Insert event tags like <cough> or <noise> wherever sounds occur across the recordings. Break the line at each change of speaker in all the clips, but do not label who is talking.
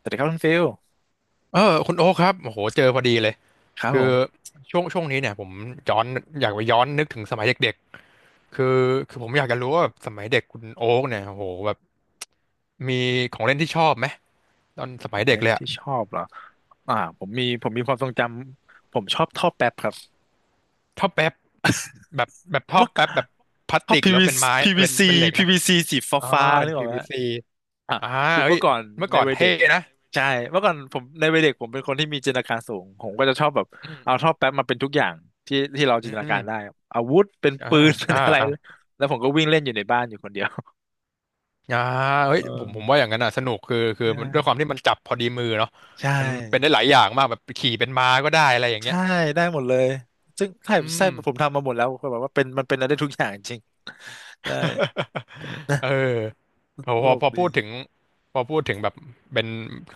สวัสดีครับคุณฟิล
เออคุณโอ๊คครับโอ้โหเจอพอดีเลย
ครับ
คื
ผ
อ
ม
ช่วงนี้เนี่ยผมย้อนอยากไปย้อนนึกถึงสมัยเด็กๆคือผมอยากจะรู้ว่าแบบสมัยเด็กคุณโอ๊คเนี่ยโอ้โหแบบมีของเล่นที่ชอบไหมตอนส
ข
มั
อ
ย
ง
เด็ก
เล่น
เลยอะ
ที่ชอบเหรออ่าผมมีความทรงจำผมชอบท่อแป๊บครับ
ท่อแป๊บแบบท่อ
เมื่อ
แป๊บแบบพลาส
ท่อ
ติก
พี
หรือ
v ี
ว่าเป็นไม้
p ี c ี v ี
เป็น
ซี
เป็นเหล็ก
พี
นะ
วีซีสีฟ้า
อ๋อ
ฟ้า
เป็
นึ
น
ก
p
ออกไหมฮะ
ซ c
อ่ะ
อ่า
คือ
เฮ้
เมื่
ย
อก่อน
เมื่อ
ใน
ก่อน
วัยเด็
เท่
ก
นะ
ใช่เมื่อก่อนผมในวัยเด็กผมเป็นคนที่มีจินตนาการสูงผมก็จะชอบแบบ
อืม
เอา
อืม
ท่อแป๊บมาเป็นทุกอย่างที่ที่เรา
อื
จินตนาการได้
ม
อาวุธเป็น
อ่า
ปืน <laughs> เป็น
อ่า
อะไร
อ่า
แล้วผมก็วิ่งเล่นอยู่ในบ้านอยู่คนเดียว
อ่าเฮ้
เอ
ยผ
อ
มผมว่าอย่างนั้นอ่ะสนุกคือมันด้วยค
ใช่
วามที่มันจับพอดีมือเนาะ
ใช่
มันเป็นได้หลายอย่างมากแบบขี่เป็นม้าก็ได้อะไรอย่างเงี้
ใช่
ย
ได้หมดเลยซึ่งใช่
อื
ใช่
ม
ผมทำมาหมดแล้วคือแบบว่าเป็นมันเป็นอะไรได้ทุกอย่างจริงได้
<laughs> เออโห
ต
พ
ล
อ
ก
พอพูดถึง
ดี
พอพูดถึงแบบเป็น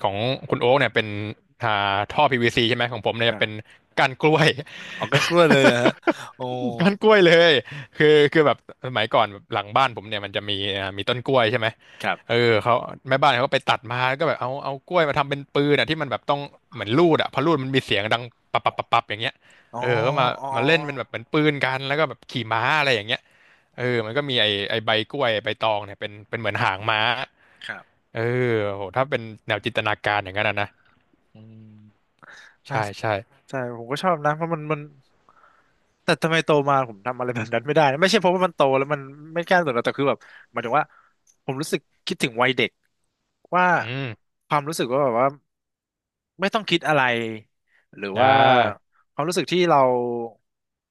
ของคุณโอ๊กเนี่ยเป็นอ่าท่อ PVC ใช่ไหมของผมเนี่
ค
ย
รั
เป็น
บ
ก้านกล้วย
ออกกันกล้วยเลยเหรอฮะโอ้
<laughs> ก้านกล้วยเลยคือคือแบบสมัยก่อนแบบหลังบ้านผมเนี่ยมันจะมีมีต้นกล้วยใช่ไหม
ครั
เอ
บ
อเขาแม่บ้านเขาก็ไปตัดมาแล้วก็แบบเอากล้วยมาทำเป็นปืนอ่ะที่มันแบบต้องเหมือนลูดอ่ะพอลูดมันมีเสียงดังปับปับปับปับอย่างเงี้ย
อ๋อ
เออก็มา
อ๋อ
มาเล่นเป็นแบบเหมือนปืนกันแล้วก็แบบขี่ม้าอะไรอย่างเงี้ยเอ
อ๋
อ
อ
มันก็มีไอไอใบกล้วยใบตองเนี่ยเป็นเป็นเหมือนหางม้า
ครับ
เออโหถ้าเป็นแนวจินตนาการอย่างนั้นอะนะ
อืมน่า
ใช่ใช่
ใช่ผมก็ชอบนะเพราะมันแต่ทำไมโตมาผมทำอะไรแบบนั้นไม่ได้นะไม่ใช่เพราะว่ามันโตแล้วมันไม่กล้าสนหรอกแต่คือแบบหมายถึงว่าผมรู้สึกคิดถึงวัยเด็กว่า
อืม
ความรู้สึกว่าแบบว่า ไม่ต้องคิดอะไรหรือ
อ่
ว่า
า
ความรู้สึกที่เรา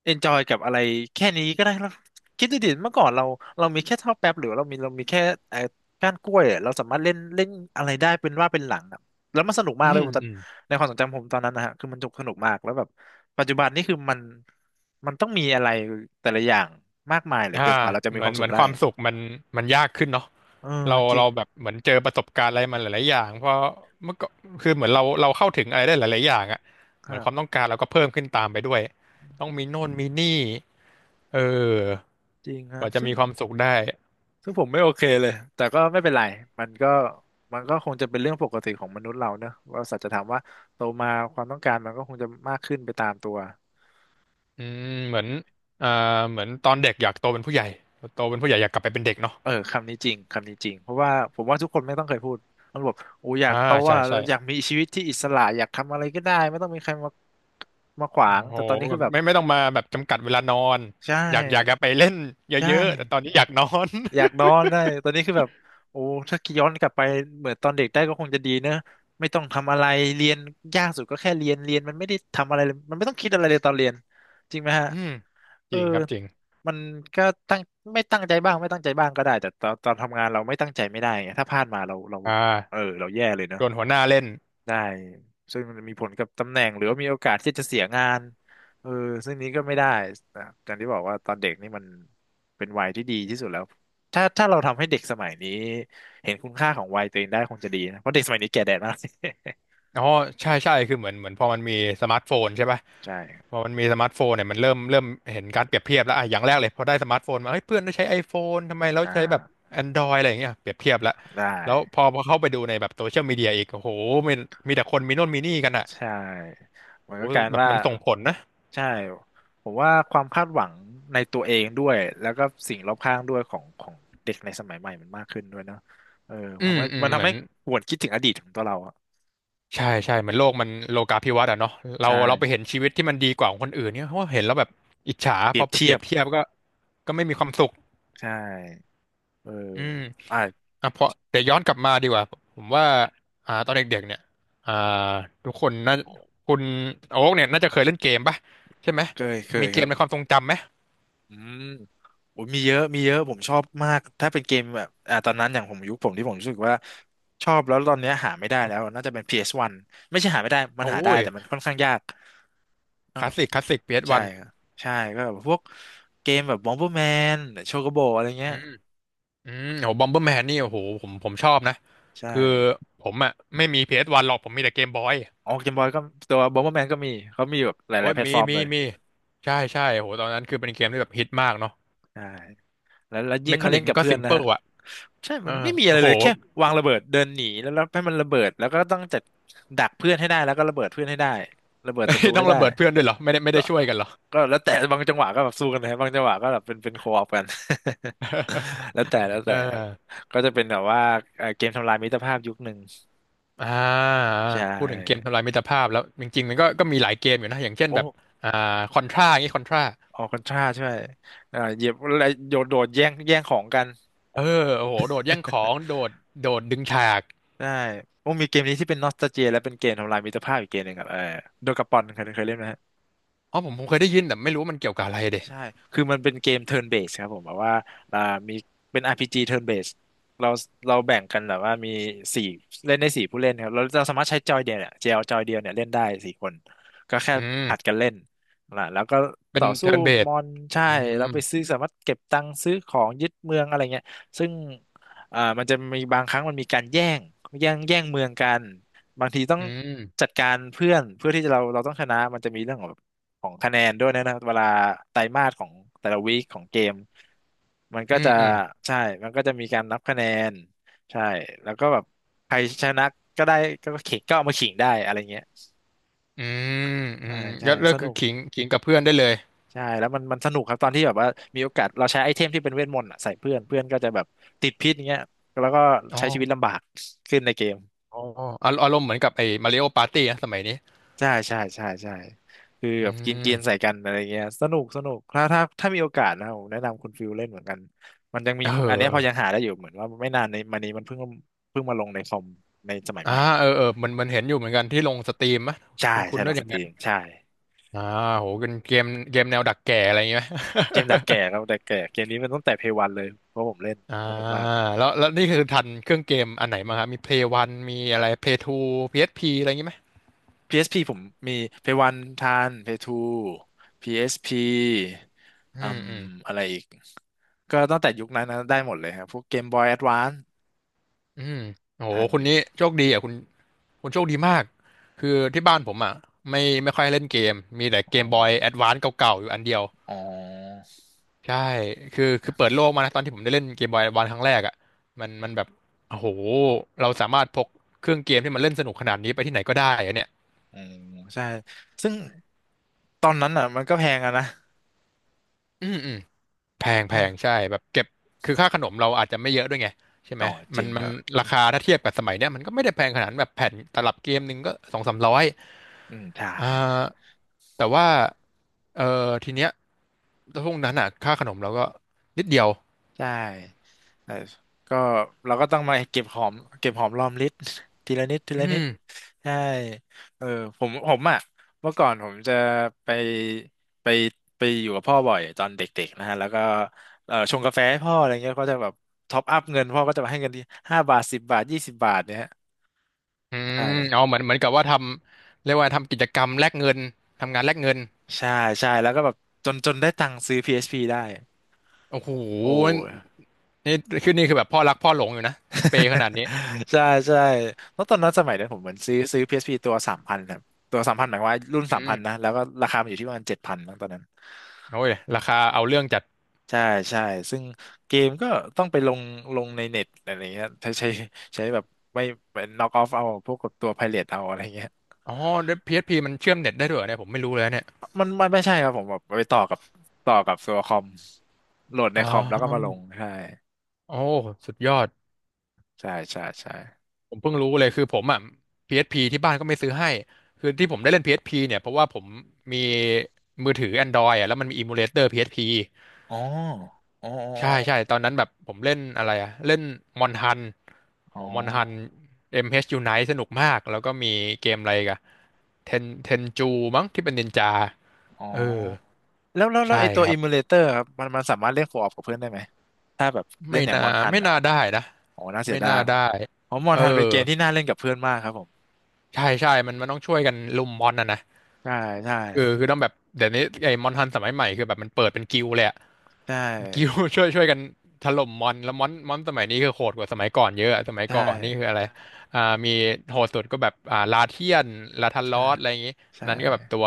เอนจอยกับอะไรแค่นี้ก็ได้เราคิดดูดิเมื่อก่อนเราเรามีแค่เท่าวแป๊บหรือเรามีแค่ไอ้ก้านกล้วยอะเราสามารถเล่นเล่นอะไรได้เป็นว่าเป็นหลังอะแล้วมันสนุกมา
อื
กเลย
ม
ผมตอน
อืม
ในความทรงจำผมตอนนั้นนะฮะคือมันสนุกมากแล้วแบบปัจจุบันนี่คือมันมันต้องมีอะไรแต่ละอย่างมากมายเหลือ
อ่า
เกินกว่าเราจะมี
เหมื
ค
อน
วาม
เห
สุ
มือ
ข
น
ได้
ความสุขมันยากขึ้นเนาะ
เออ
เรา
จริ
เรา
ง
แบบเหมือนเจอประสบการณ์อะไรมาหลายๆอย่างเพราะเมื่อก็คือเหมือนเราเข้าถึงอะไรได้หลายๆอย่างอะ
ค
เหมือน
รั
ความ
บ
ต้องการเราก็เพิ่มขึ้นตามไปด้วยต้องมีโน่นมีนี่เออ
จริงค
ก
รับ
ว่าจะ
ซึ่ง
มีความสุขได้
ผมไม่โอเคเลยแต่ก็ไม่เป็นไรมันก็มันก็คงจะเป็นเรื่องปกติของมนุษย์เราเนอะว่าสัจธรรมว่าโตมาความต้องการมันก็คงจะมากขึ้นไปตามตัว
อืมเหมือนอ่าเหมือนตอนเด็กอยากโตเป็นผู้ใหญ่โตเป็นผู้ใหญ่อยากกลับไปเป็นเด็กเนาะ
เออคำนี้จริงคำนี้จริงเพราะว่าผมว่าทุกคนไม่ต้องเคยพูดมันบอกโอ้อยาก
อ่า
โต
ใช่
อ่ะ
ใช่
อยากมีชีวิตที่อิสระอยากทำอะไรก็ได้ไม่ต้องมีใครมาขวา
โอ้
ง
โห
แต่ตอนนี้
แบ
คือ
บ
แบบ
ไม่ต้องมาแบบจำกัดเวลานอน
ใช่
อยากจะไปเล่น
ใช่
เยอะๆแต่ตอนนี้อยากนอน
อยากนอนได้ตอนนี้คือแบบโอ้ถ้าย้อนกลับไปเหมือนตอนเด็กได้ก็คงจะดีเนอะไม่ต้องทำอะไรเรียนยากสุดก็แค่เรียนเรียนมันไม่ได้ทำอะไรเลยมันไม่ต้องคิดอะไรเลยตอนเรียนจริงไหมฮะ
<laughs> อืม
เอ
จ
อ
ริงครับจริง
มันก็ตั้งไม่ตั้งใจบ้างไม่ตั้งใจบ้างก็ได้แต่ตอนทำงานเราไม่ตั้งใจไม่ได้ไงถ้าพลาดมาเรา
อ่
เออ
า
เราแย่เลยเนอะ
โดนหัวหน้าเล่น
ได้ ซึ่งมันมีผลกับตำแหน่งหรือว่ามีโอกาสที่จะเสียงานเออซึ่งนี้ก็ไม่ได้นะอย่างที่บอกว่าตอนเด็กนี่มันเป็นวัยที่ดีที่สุดแล้ว ถ้าเราทำให้เด็กสมัยนี้เห็นคุณค่าของวัยตัวเองได้คงจะดีนะ เพราะเด็กสมัยนี้แก่แดดมาก
อ๋อใช่ใช่คือเหมือนเหมือนพอมันมีสมาร์ทโฟนใช่ปะ
<laughs> ใช่ครับ
พอมันมีสมาร์ทโฟนเนี่ยมันเริ่มเห็นการเปรียบเทียบแล้วอ่ะอย่างแรกเลยพอได้สมาร์ทโฟนมาเฮ้ยเพื่อนได้ใช้ iPhone ทำไมเรา
อ่
ใช้แบบ
า
Android อะไรอย่างเงี้ยเปรียบเทียบแล้ว
ได้
แล้วพอเข้าไปดูในแบบโซเชียลมีเดียอีกโอ้โหมีมีแต่คนมีโน่นมีนี่กันอ่ะ
ใช่มั
โอ้
น
โห
ก็การ
แบบ
ว่า
มันส่งผลนะ
ใช่ผมว่าความคาดหวังในตัวเองด้วยแล้วก็สิ่งรอบข้างด้วยของของเด็กในสมัยใหม่มันมากขึ้นด้วยเนอะเออ
อื
ทำ
ม
ให้
อืม
มัน
เห
ทำ
มือ
ให้
น
หวนคิดถึงอดีตของตัวเราอะ
ใช่ใช่เหมือนโลกมันโลกาภิวัตน์อะเนาะเรา
ใช่
เราไปเห็นชีวิตที่มันดีกว่าของคนอื่นเนี่ยเพราะว่าเห็นแล้วแบบอิจฉา
เป
พ
รี
อ
ยบ
ไปเป
เที
รี
ย
ย
บ
บเทียบก็ก็ไม่มีความสุข
ใช่เออ
อืม
อ่า
อ่ะเพราะเดี๋ยวย้อนกลับมาดีกว่าผมว่าตอนเด็กๆเนี่ยอ่าทุกคนน่าคุณโอ๊กเนี่ยน่าจะเคยเล่นเกมป่ะใช่ไหม
เคยเค
มี
ย
เก
ครั
ม
บ
ในความทรงจำไหม
อืมโอ้ยมีเยอะมีเยอะผมชอบมากถ้าเป็นเกมแบบตอนนั้นอย่างผมยุคผมที่ผมรู้สึกว่าชอบแล้วตอนเนี้ยหาไม่ได้แล้วน่าจะเป็นพีเอสวันไม่ใช่หาไม่ได้มัน
โอ้
หาได้
ย
แต่มันค่อนข้างยาก
คลาสสิกคลาสสิก
ใช่
PS1 อสวัน
ครับใช่ก็แบบพวกเกมแบบบอมเบอร์แมนโชโกโบอะไร
อื
เงี้ย
มอืมโอ้บอมเบอร์แมนนี่โอ้โหผมชอบนะ
ใช่
คือผมอ่ะไม่มี PS1 หรอกผมมีแต่เกมบอย
ออกเกมบอยก็ตัวบอมเบอร์แมนก็มีเขามีแบบห
โอ้
ลาย
ย
ๆแพลต
มี
ฟอร์ม
มี
เลย
มีใช่ใช่โอ้โหตอนนั้นคือเป็นเกมที่แบบฮิตมากเนาะ
ใช่แล้ว
เม
ยิ่ง
คา
มา
นิ
เล่
ก
น
มั
กั
น
บ
ก็
เพื่อ
ซิ
น
ม
นะ
เปิ
ฮะ
ลอ่ะ
ใช่
เอ
มัน
อ
ไม่มีอะไร
โอ้โห
เลยแค่วางระเบิดเดินหนีแล้วให้มันระเบิดแล้วก็ต้องจัดดักเพื่อนให้ได้แล้วก็ระเบิดเพื่อนให้ได้ระเบิดศัตรู
<laughs> ต้อ
ให้
ง
ได้
ระเบิดเพื่อนด้วยเหรอไม่ได้ไม่
ก็
ได้ช่วยกันเหรอ
ก็แล้วแต่บางจังหวะก็แบบสู้กันนะบางจังหวะก็แบบเป็นโคออกัน <laughs> แล้วแต่แล้ว
<laughs>
แต่แล้ว
เออ
ก็จะเป็นแบบว่าเกมทำลายมิตรภาพยุคหนึ่ง
อ่า
ใช่
พูดถึงเกมทำลายมิตรภาพแล้วจริงๆมันก็ก็มีหลายเกมอยู่นะอย่างเช่น
โอ้
แบบอ่าคอนทราอย่างงี้คอนทรา
ออกกันท่าใช่เอ่าเหยียบอะไรโดดโดด แย่งของกัน
เออโอ้โหโดดแย่งของโด
<laughs>
ดโดดดึงฉาก
ได้ โอ้มีเกมนี้ที่เป็นนอสตาเจียและเป็นเกมทำลายมิตรภาพอีกเกมหนึ่งครับเออโดกาปอนเคยเล่นไหม
อ๋อผมเคยได้ยินแต่ไม่รู้มันเกี่ยวกับอะไรเดะ
ใช่ คือมันเป็นเกม turn based ครับผมแบบว่าอ่า มีเป็น RPG turn based เราเราแบ่งกันแบบว่ามีสี่เล่นได้สี่ผู้เล่นครับเราสามารถใช้จอยเดียวเนี่ยเจลจอยเดียวเนี่ยเล่นได้สี่คน ก็แค่
อื
ผ
ม
ลัดกันเล่นนะแล้วก็
เป็
ต่
น
อสู้
เทิร์นเบ
ม
ส
อนใช่
อืม
เราไปซื้อสามารถเก็บตังค์ซื้อของยึดเมืองอะไรเงี้ยซึ่งมันจะมีบางครั้งมันมีการแย่งแย่งเมืองกัน บางทีต้อง
อื
จั
ม
ดการเพื่อนเพื่อที่จะเราต้องชนะมันจะมีเรื่องของ ของคะแนนด้วยนะเวลาไตรมาสของแต่ละวีคของเกมมันก็
อืม
จะ
อืม
ใช่มันก็จะมีการนับคะแนนใช่แล้วก็แบบใครชนะก็ได้ก็เข่งก็เอามาขิงได้อะไรเงี้ย
อืมอื
ใช่
ม
ใช่
ก็เลื
ส
อก
นุ
คือ
ก
ขิงขิงกับเพื่อนได้เลย
ใช่แล้วมันสนุกครับตอนที่แบบว่ามีโอกาสเราใช้ไอเทมที่เป็นเวทมนต์อะใส่เพื่อนเพื่อนก็จะแบบติดพิษอย่างเงี้ยแล้วก็
อ๋อ
ใช้ชีวิตลำบากขึ้นในเกม
อ๋ออารมณ์เหมือนกับไอ้มาริโอปาร์ตี้นะสมัยนี้
ใช่ใช่ใช่ใช่คือ
อื
แบบกินกินใส่
ม
กันอะไรเงี้ยสนุกสนุกถ้ามีโอกาสนะผมแนะนำคุณฟิลเล่นเหมือนกันมันยังมี
เอ
พออันเนี้ยพอยัง
ออ
หาได้อยู่เหมือนว่าไม่นานในมานี้มันเพิ่งเพิ่งมาลงในคอมในสมัยให
่า
ม่
เออเออมันมันเห็นอยู่เหมือนกันที่ลงสตรีมมะ
ใช่
คุณคุ
ใช่
ณ
ล
ด้ว
อง
ยอ
ส
ยัง
ต
ไง
รีมใช่
อ่าโหเป็นเกมเกมแนวดักแก่อะไรอย่างเงี้ยไหม
เกมดักแก่ครับดักแก่เกมนี้มันตั้งแต่เพย์วันเลยเพราะผมเล่น
<laughs> อ่า
สนุกมาก
แล้วแล้วนี่คือทันเครื่องเกมอันไหนมาครับมี Play วันมีอะไร Play 2 PSP อสพีอะไรอย่างงี้ไหม
PSP ผมมีเพย์วันทันเพย์ทู PSP อสพี
อื
อื
ม
ม
อืม
อะไรอีกก็ตั้งแต่ยุคนั้นนะได้หมดเลยครับพวกเกมบอยแอดวานซ์
อืมโห
ทัน
คุ
อ
ณ
ยู่
นี้โชคดีอ่ะคุณคุณโชคดีมาก คือที่บ้านผมอ่ะไม่ไม่ค่อยเล่นเกม มีแต่
อ๋
เกมบอยแอ
อ
ดวานซ์เก่าๆอยู่อันเดียว
อ๋อ
ใช่คือเปิดโลกมานะตอนที่ผมได้เล่นเกมบอยแอดวานซ์ครั้งแรกอ่ะมันแบบโอ้โห เราสามารถพกเครื่องเกมที่มันเล่นสนุกขนาดนี้ไปที่ไหนก็ได้อะเนี่ย
อืมใช่ซึ่งตอนนั้นอ่ะมันก็แพงอะนะ
อืมอืม แพงแพ
อ่ะ
งใช่แบบเก็บคือค่าขนมเราอาจจะไม่เยอะด้วยไงใช่ไหม
ต่อจ
มั
ริ
น
ง
มั
ค
น
รับ
ราคาถ้าเทียบกับสมัยเนี้ยมันก็ไม่ได้แพงขนาดนั้นแบบแผ่นตลับเกมหนึ่งก็สองสามร้อย
อืมใช่
อ่าแต่ว่าเออทีเนี้ยช่วงนั้นอ่ะค่าขนมเราก็นิดเดียว
ใช่แต่ก็เราก็ต้องมาเก็บหอมเก็บหอมรอมริบ <laughs> ทีละนิดที
อื
ละนิด
ม
ใช่เออผมอ่ะเมื่อก่อนผมจะไปไปไปอยู่กับพ่อบ่อยตอนเด็กๆนะฮะแล้วก็เออชงกาแฟให้พ่ออะไรเงี้ยก็จะแบบท็อปอัพเงินพ่อก็จะมาให้เงินที่5 บาท 10 บาท 20 บาทเนี่ยฮะ
อื
ใช
มเอา
่
เหมือนกับว่าเรียกว่าทำกิจกรรมแลกเงินทำงานแลกเงิน
ใช่ใช่แล้วก็แบบจนได้ตังค์ซื้อ PSP ได้
โอ้โห
โอ้
นี่คือแบบพ่อรักพ่อหลงอยู่นะเปย์ขนาดนี้
<laughs> ใช่ใช่เพราะตอนนั้นสมัยนั้นผมเหมือนซื้อ PSP ตัวสามพันครับตัวสามพันหมายความว่ารุ่นสา
อื
มพันนะ
ม
แล้วก็ราคามันอยู่ที่ประมาณ7000ตอนนั้น
โอ้ยราคาเอาเรื่องจัด
ใช่ใช่ซึ่งเกมก็ต้องไปลงลงในเน็ตอะไรเงี้ยใช้แบบไม่เป็นน็อกออฟเอาพวกกับตัวไพเรตเอาอะไรเงี้ย
อ๋อ p พ p มันเชื่อมเน็ตได้ด้วยเหรอเนี่ยผมไม่รู้เลยนะเนี่ย
มันไม่ใช่ครับผมแบบไปต่อกับตัวคอมโหลดใน
อ๋อ
คอมแล้วก็มาลงใช่
โอ้สุดยอด
ใช่ใช่ใช่
ผมเพิ่งรู้เลยคือผมอ่ะ PSP ที่บ้านก็ไม่ซื้อให้ คือที่ผมได้เล่น PSP เอสพีเนี่ยเพราะว่าผมมีมือถือ Android อ่ะแล้วมันมีอิมูเลเตอร์ PSP
อ๋ออ๋อ
ใช่ใช่ตอนนั้นแบบผมเล่นอะไรอ่ะเล่นมอนฮันโห
อ๋อ
มอนฮัน MH Unite สนุกมากแล้วก็มีเกมอะไรอีกันเทนเทนจูมั้งที่เป็นนินจา
อ๋อ
เออ
แล้ว
ใช่
ไอตัว
ครับ
emulator ครับมันสามารถเล่นโคออปกับเพื่อนได้ไหมถ้าแบบเล่
ไม่
นอย่าง
น่า
มอนทัน
ไม่
เหรอ
น่าได้นะ
โอ้น่าเสี
ไม่
ยดา
น่า
ย
ได้
เพราะมอ
เอ
น
อ
ทันเป็นเกมที่น่าเล่นกับเพื่อนมากครับผม
ใช่ใช่มันต้องช่วยกันลุมมอนนะนะ
ใช่ใช่
เออคือต้องแบบเดี๋ยวนี้ไอ้มอนทันสมัยใหม่คือแบบมันเปิดเป็นกิลด์เลยอะ
ใช่
เป็นกิลด์ <laughs> ช่วยช่วยกันถล่มมอนแล้วมอนมอนสมัยนี้คือโหดกว่าสมัยก่อนเยอะอะสมัยก่
ใช่
อนนี่คืออะไรอ่ามีโหดสุดก็แบบลาเทียนลาทันล
ใช่
อสอะไรอย่างงี้อัน
ใช่
นั้นก็แบบตัว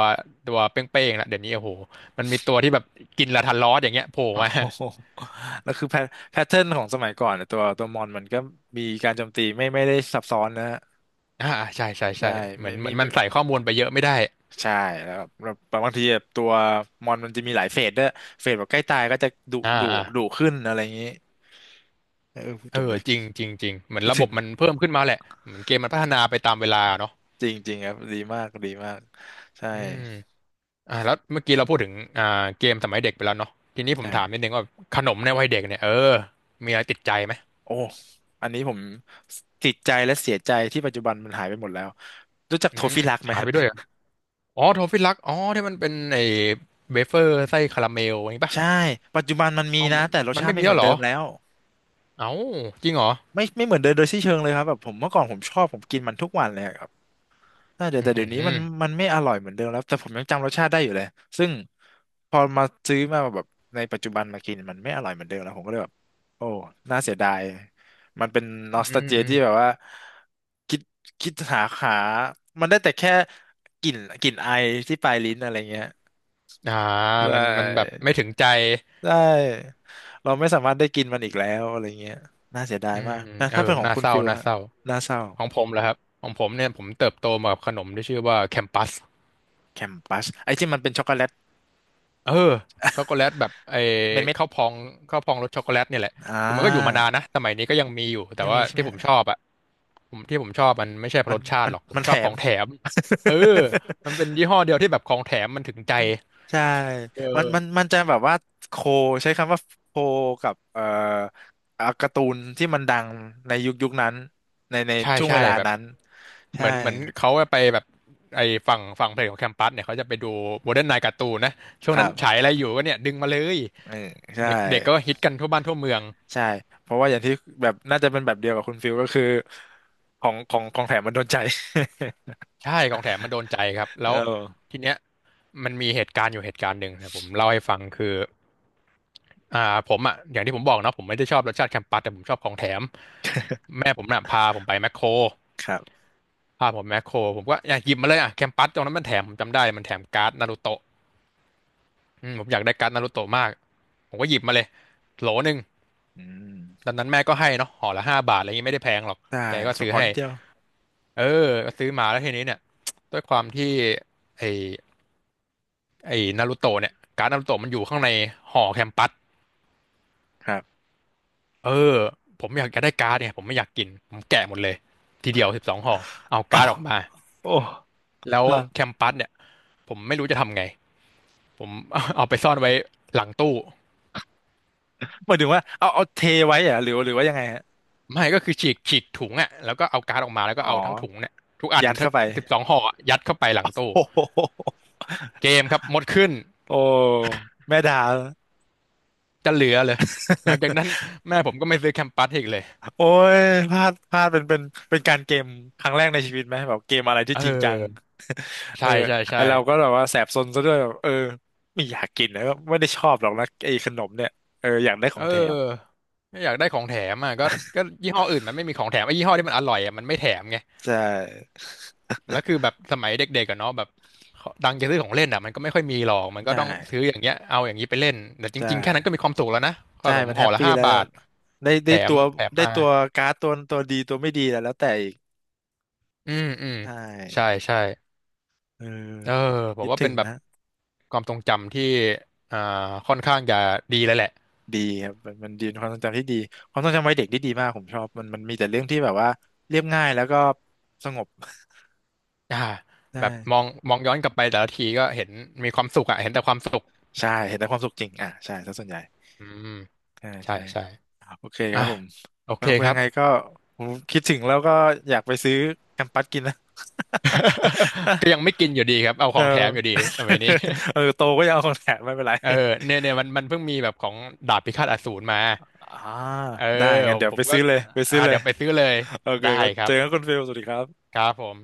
ตัวเป้งๆละเดี๋ยวนี้โอ้โหมันมีตัวที่แบบกินลาทันลอสอย่างเงี้ยโผล่มา
<laughs> โอ้โหแล้วคือแพทเทิร์นของสมัยก่อนอะตัวตัวมอนมันก็มีการโจมตีไม่ได้ซับซ้อนนะฮะ
<laughs> อ่าใช่ใช่
ใช่
ใช่เหมื
ไม่
อนเหมื
มี
อนมันใส่ข้อมูลไปเยอะไม่ได้
ใช่แล้วบางทีแบบตัวมอนมันจะมีหลายเฟสด้วยเฟสแบบใกล้ตายก็จะดุ
อ่า
ดุ
อ่า
ดุขึ้นอะไรอย่างนี้เออพูด
เอ
ถึง
อ
ก็
จริงจริงจริงเหมือน
คิด
ระบ
ถึ
บ
ง
มันเพิ่มขึ้นมาแหละเหมือนเกมมันพัฒนาไปตามเวลาเนาะ
จริงจริงครับดีมากดีมากใช่
อืม แล้วเมื่อกี้เราพูดถึงอ่าเกมสมัยเด็กไปแล้วเนาะทีนี้ผมถามนิด
ใช่
นึงว่าขนมในวัยเด็กเนี่ยมีอะไรติดใจไหม
โอ้อันนี้ผมติดใจและเสียใจที่ปัจจุบันมันหายไปหมดแล้วรู้จัก
อื
โท
ม
ฟิลักไหม
หายไปด้วยเหรออ๋อโทฟิลักอ๋อที่มันเป็นไอ้เวเฟอร์ไส้คาราเมลอย่างนี้ป่ะ
ใช่ปัจจุบันมันมี
อ๋อ
นะ
มัน
แต่รสชา
ไม่
ติไม่
มี
เห
แล้
มือ
ว
น
เหร
เดิ
อ
มแล้ว
เอ้าจริงเหรอ
ไม่เหมือนเดิมโดยสิ้นเชิงเลยครับแบบผมเมื่อก่อนผมชอบผมกินมันทุกวันเลยอะ น่าจะ
อื
แต่เดี๋ยว
ม
นี้มันไม่อร่อยเหมือนเดิมแล้วแต่ผมยังจำรสชาติได้อยู่เลยซึ่งพอมาซื้อมาแบบในปัจจุบันมากินมันไม่อร่อยเหมือนเดิมแล้วผมก็เลยแบบโอ้น่าเสียดายมันเป็นน
อื
อสตา
ม
เจีย
อืม
ที่แบบว่าคิดคิดหามันได้แต่แค่กลิ่นกลิ่นไอที่ปลายลิ้นอะไรเงี้ย
อ่า
ใช
มันแบบ
่
ไม่ถึงใจ
ใช่เราไม่สามารถได้กินมันอีกแล้วอะไรเงี้ยน่าเสียดายมากนะ
เอ
ถ้าเป็
อ
นของ
น่า
คุณ
เศร้า
ฟิล
น่า
ฮะ
เศร้า
น่าเศร้า
ของผมเหรอครับของผมเนี่ยผมเติบโตมากับขนมที่ชื่อว่าแคมปัส
แคมปัสไอ้ที่มันเป็นช็อกโกแลต
เออช็อกโกแลตแบบไอ้
เม็ด
ข้าวพองข้าวพองรสช็อกโกแลตเนี่ยแหละ
ๆอ่า
คือมันก็อยู่มานานนะสมัยนี้ก็ยังมีอยู่แต่
ยัง
ว่า
มีใช่ไหม
ที่ผม
ฮะ
ชอบอะที่ผมชอบมันไม่ใช่เพราะ
มั
ร
น
สชา
มั
ติ
น
หรอกผม
มัน
ช
แถ
อบข
ม
องแถม
<laughs>
เออมันเป็นยี่ห้อเดียวที่แบบของแถมมันถึงใจ
ใช่
เอ
มัน
อ
มันมันจะแบบว่าโคใช้คำว่าโคกับการ์ตูนที่มันดังในยุคยุคนั้นในใน
ใช่
ช่วง
ใช่
เวลา
แบบ
นั้น
เห
ใช่
มือนเหมือนเขาไปแบบไอ้ฝั่งเพลงของแคมปัสเนี่ยเขาจะไปดูโมเดิร์นไนน์การ์ตูนนะช่วง
ค
นั้
รั
นฉาย
บ
อะไรอยู่ก็เนี่ยดึงมาเลย
เออใช่
เด็กเด็กก็ฮิตกันทั่วบ้านทั่วเมือง
ใช่เพราะว่าอย่างที่แบบน่าจะเป็นแบบเดียวกับคุณฟิลก็คือของของแถมมันโดนใจ
ใช่ของแถมมันโดนใจครับ
<laughs>
แล้
เ
ว
ออ
ทีเนี้ยมันมีเหตุการณ์อยู่เหตุการณ์หนึ่งนะผมเล่าให้ฟังคืออ่าผมอ่ะอย่างที่ผมบอกนะผมไม่ได้ชอบรสชาติแคมปัสแต่ผมชอบของแถมแม่ผมน่ะพาผมไปแมคโคร
ครับ
พาผมแมคโครผมก็อยากหยิบมาเลยอ่ะแคมปัสตรงนั้นมันแถมผมจำได้มันแถมการ์ดนารูโตะอืมผมอยากได้การ์ดนารูโตะมากผมก็หยิบมาเลยโหลหนึ่ง
อื
ต
ม
อนนั้นแม่ก็ให้เนาะห่อละห้าบาทอะไรอย่างงี้ไม่ได้แพงหรอก
ได้
แกก็
ส่ง
ซื้อ
ขอ
ให้
นิดเดียว
เออก็ซื้อมาแล้วทีนี้เนี่ยด้วยความที่ไอ ไอ้นารูโตะเนี่ยการ์ดนารูโตะมันอยู่ข้างในห่อแคมปัส
ครับ
เออผมอยากจะได้การ์ดเนี่ยผมไม่อยากกินผมแกะหมดเลยทีเดียวสิบสองห่อเอา
โอ้
การ์ดออกมา
โ
แล้วแค
อ้
มปัสเนี่ยผมไม่รู้จะทำไงผม <laughs> เอาไปซ่อนไว้หลังตู้
หมายถึงว่าเอาเทไว้เหรอะหรือหรือว่ายังไงฮะ
ไม่ก็คือฉีกฉีกถุงอ่ะแล้วก็เอาการ์ดออกมาแล้ว
อ๋
ก็
อ
เอาทั้งถุงเนี่ยทุกอัน
ยัดเข้าไป
สิบสองห่ออะยัดเข้าไปหลัง
<laughs>
ตู้
โอ้โห
เกมครับหมดขึ้น
โอ้แม่ดา
จะเหลือเลยหลังจากนั้น
<laughs>
แม่ผมก็ไม่ซื้อแคมปัสอีกเลย
โอ้ยพลาดเป็นเป็นเป็นการเกมครั้งแรกในชีวิตไหมแบบเกมอะไรที่
เอ
จริงจัง
อ
<laughs> เอ
ใช่
อ
ใช่
ไอ
ใช่
เราก็แบบว่าแสบซนซะด้วยแบบเออไม่อยากกินนะก็ไม่ได้ชอบหรอกนะไอขนมเนี่ยเอออยากได้ขอ
เอ
งแถม
อไม่อยากได้ของแถมอ่ะก็ยี่ห้ออื่นมันไม่มีของแถมไอ้ยี่ห้อที่มันอร่อยอ่ะมันไม่แถมไง
ใช่
แล้วคือแบบสมัยเด็กๆกันเนาะแบบดังจะซื้อของเล่นอ่ะมันก็ไม่ค่อยมีหรอกมันก็
ใช่
ต้องซื้ออย่างเงี้ยเอาอย่างนี้ไปเล่นแต่จ
ใช
ริงๆแค่นั้นก็
่
มีความสุขแล้วนะข
ใช่
นม
มัน
ห่
แฮ
อ
ป
ละ
ปี้
ห้า
แล้ว
บาท
ได้
แถ
ได้ตั
ม
ว
แถม
ได้
มา
ตัวการ์ดตัวตัวดีตัวไม่ดีแล้วแล้วแต่อีก
อืมอืม
ใช่
ใช่ใช่
เออ
เออผ
คิ
ม
ด
ว่า
ถึ
เป็
ง
นแบบ
นะ
ความทรงจำที่อ่าค่อนข้างจะดีเลยแหละ
ดีครับมันมันดีเป็นความทรงจำที่ดีความทรงจำวัยเด็กที่ดีมากผมชอบมันมันมีแต่เรื่องที่แบบว่าเรียบง่ายแล้วก็สงบ <laughs>
อ่า
ใช่
แบบมองย้อนกลับไปแต่ละทีก็เห็นมีความสุขอ่ะเห็นแต่ความสุข
ใช่เห็นแต่ความสุขจริงอ่ะใช่ซะส่วนใหญ่
อืม
ใช่
ใช่
ใช่
ใช่
โอเคค
อ่ะ
รับผม
โอ
แล้
เค
ว
ครั
ยั
บ
งไงก็ผมคิดถึงแล้วก็อยากไปซื้อแคมปัสกินนะ
<laughs> ก็
<laughs>
ยังไม่กินอยู่ดีครับ เอาข
เออ
องแถมอยู่ดี
<laughs>
ทำไมยนี้
เอ
<laughs>
อโตก็ยังเอาของแถมไม่เป็นไร
เออเนี่ยมันเพิ่งมีแบบของดาบพิฆาตอสูรมา
อ่า
เอ
ได้
อ
งั้น
ผม
เดี๋ยว
ผ
ไป
มก็
ซื้อเลยไปซื้อ
อ่า
เลย
เดี๋ยวไปซื้อเลย
โอเค
ได้
ก็
ค
เจ
รับ
อกันคุณฟิลสวัสดีครับ
ครับผม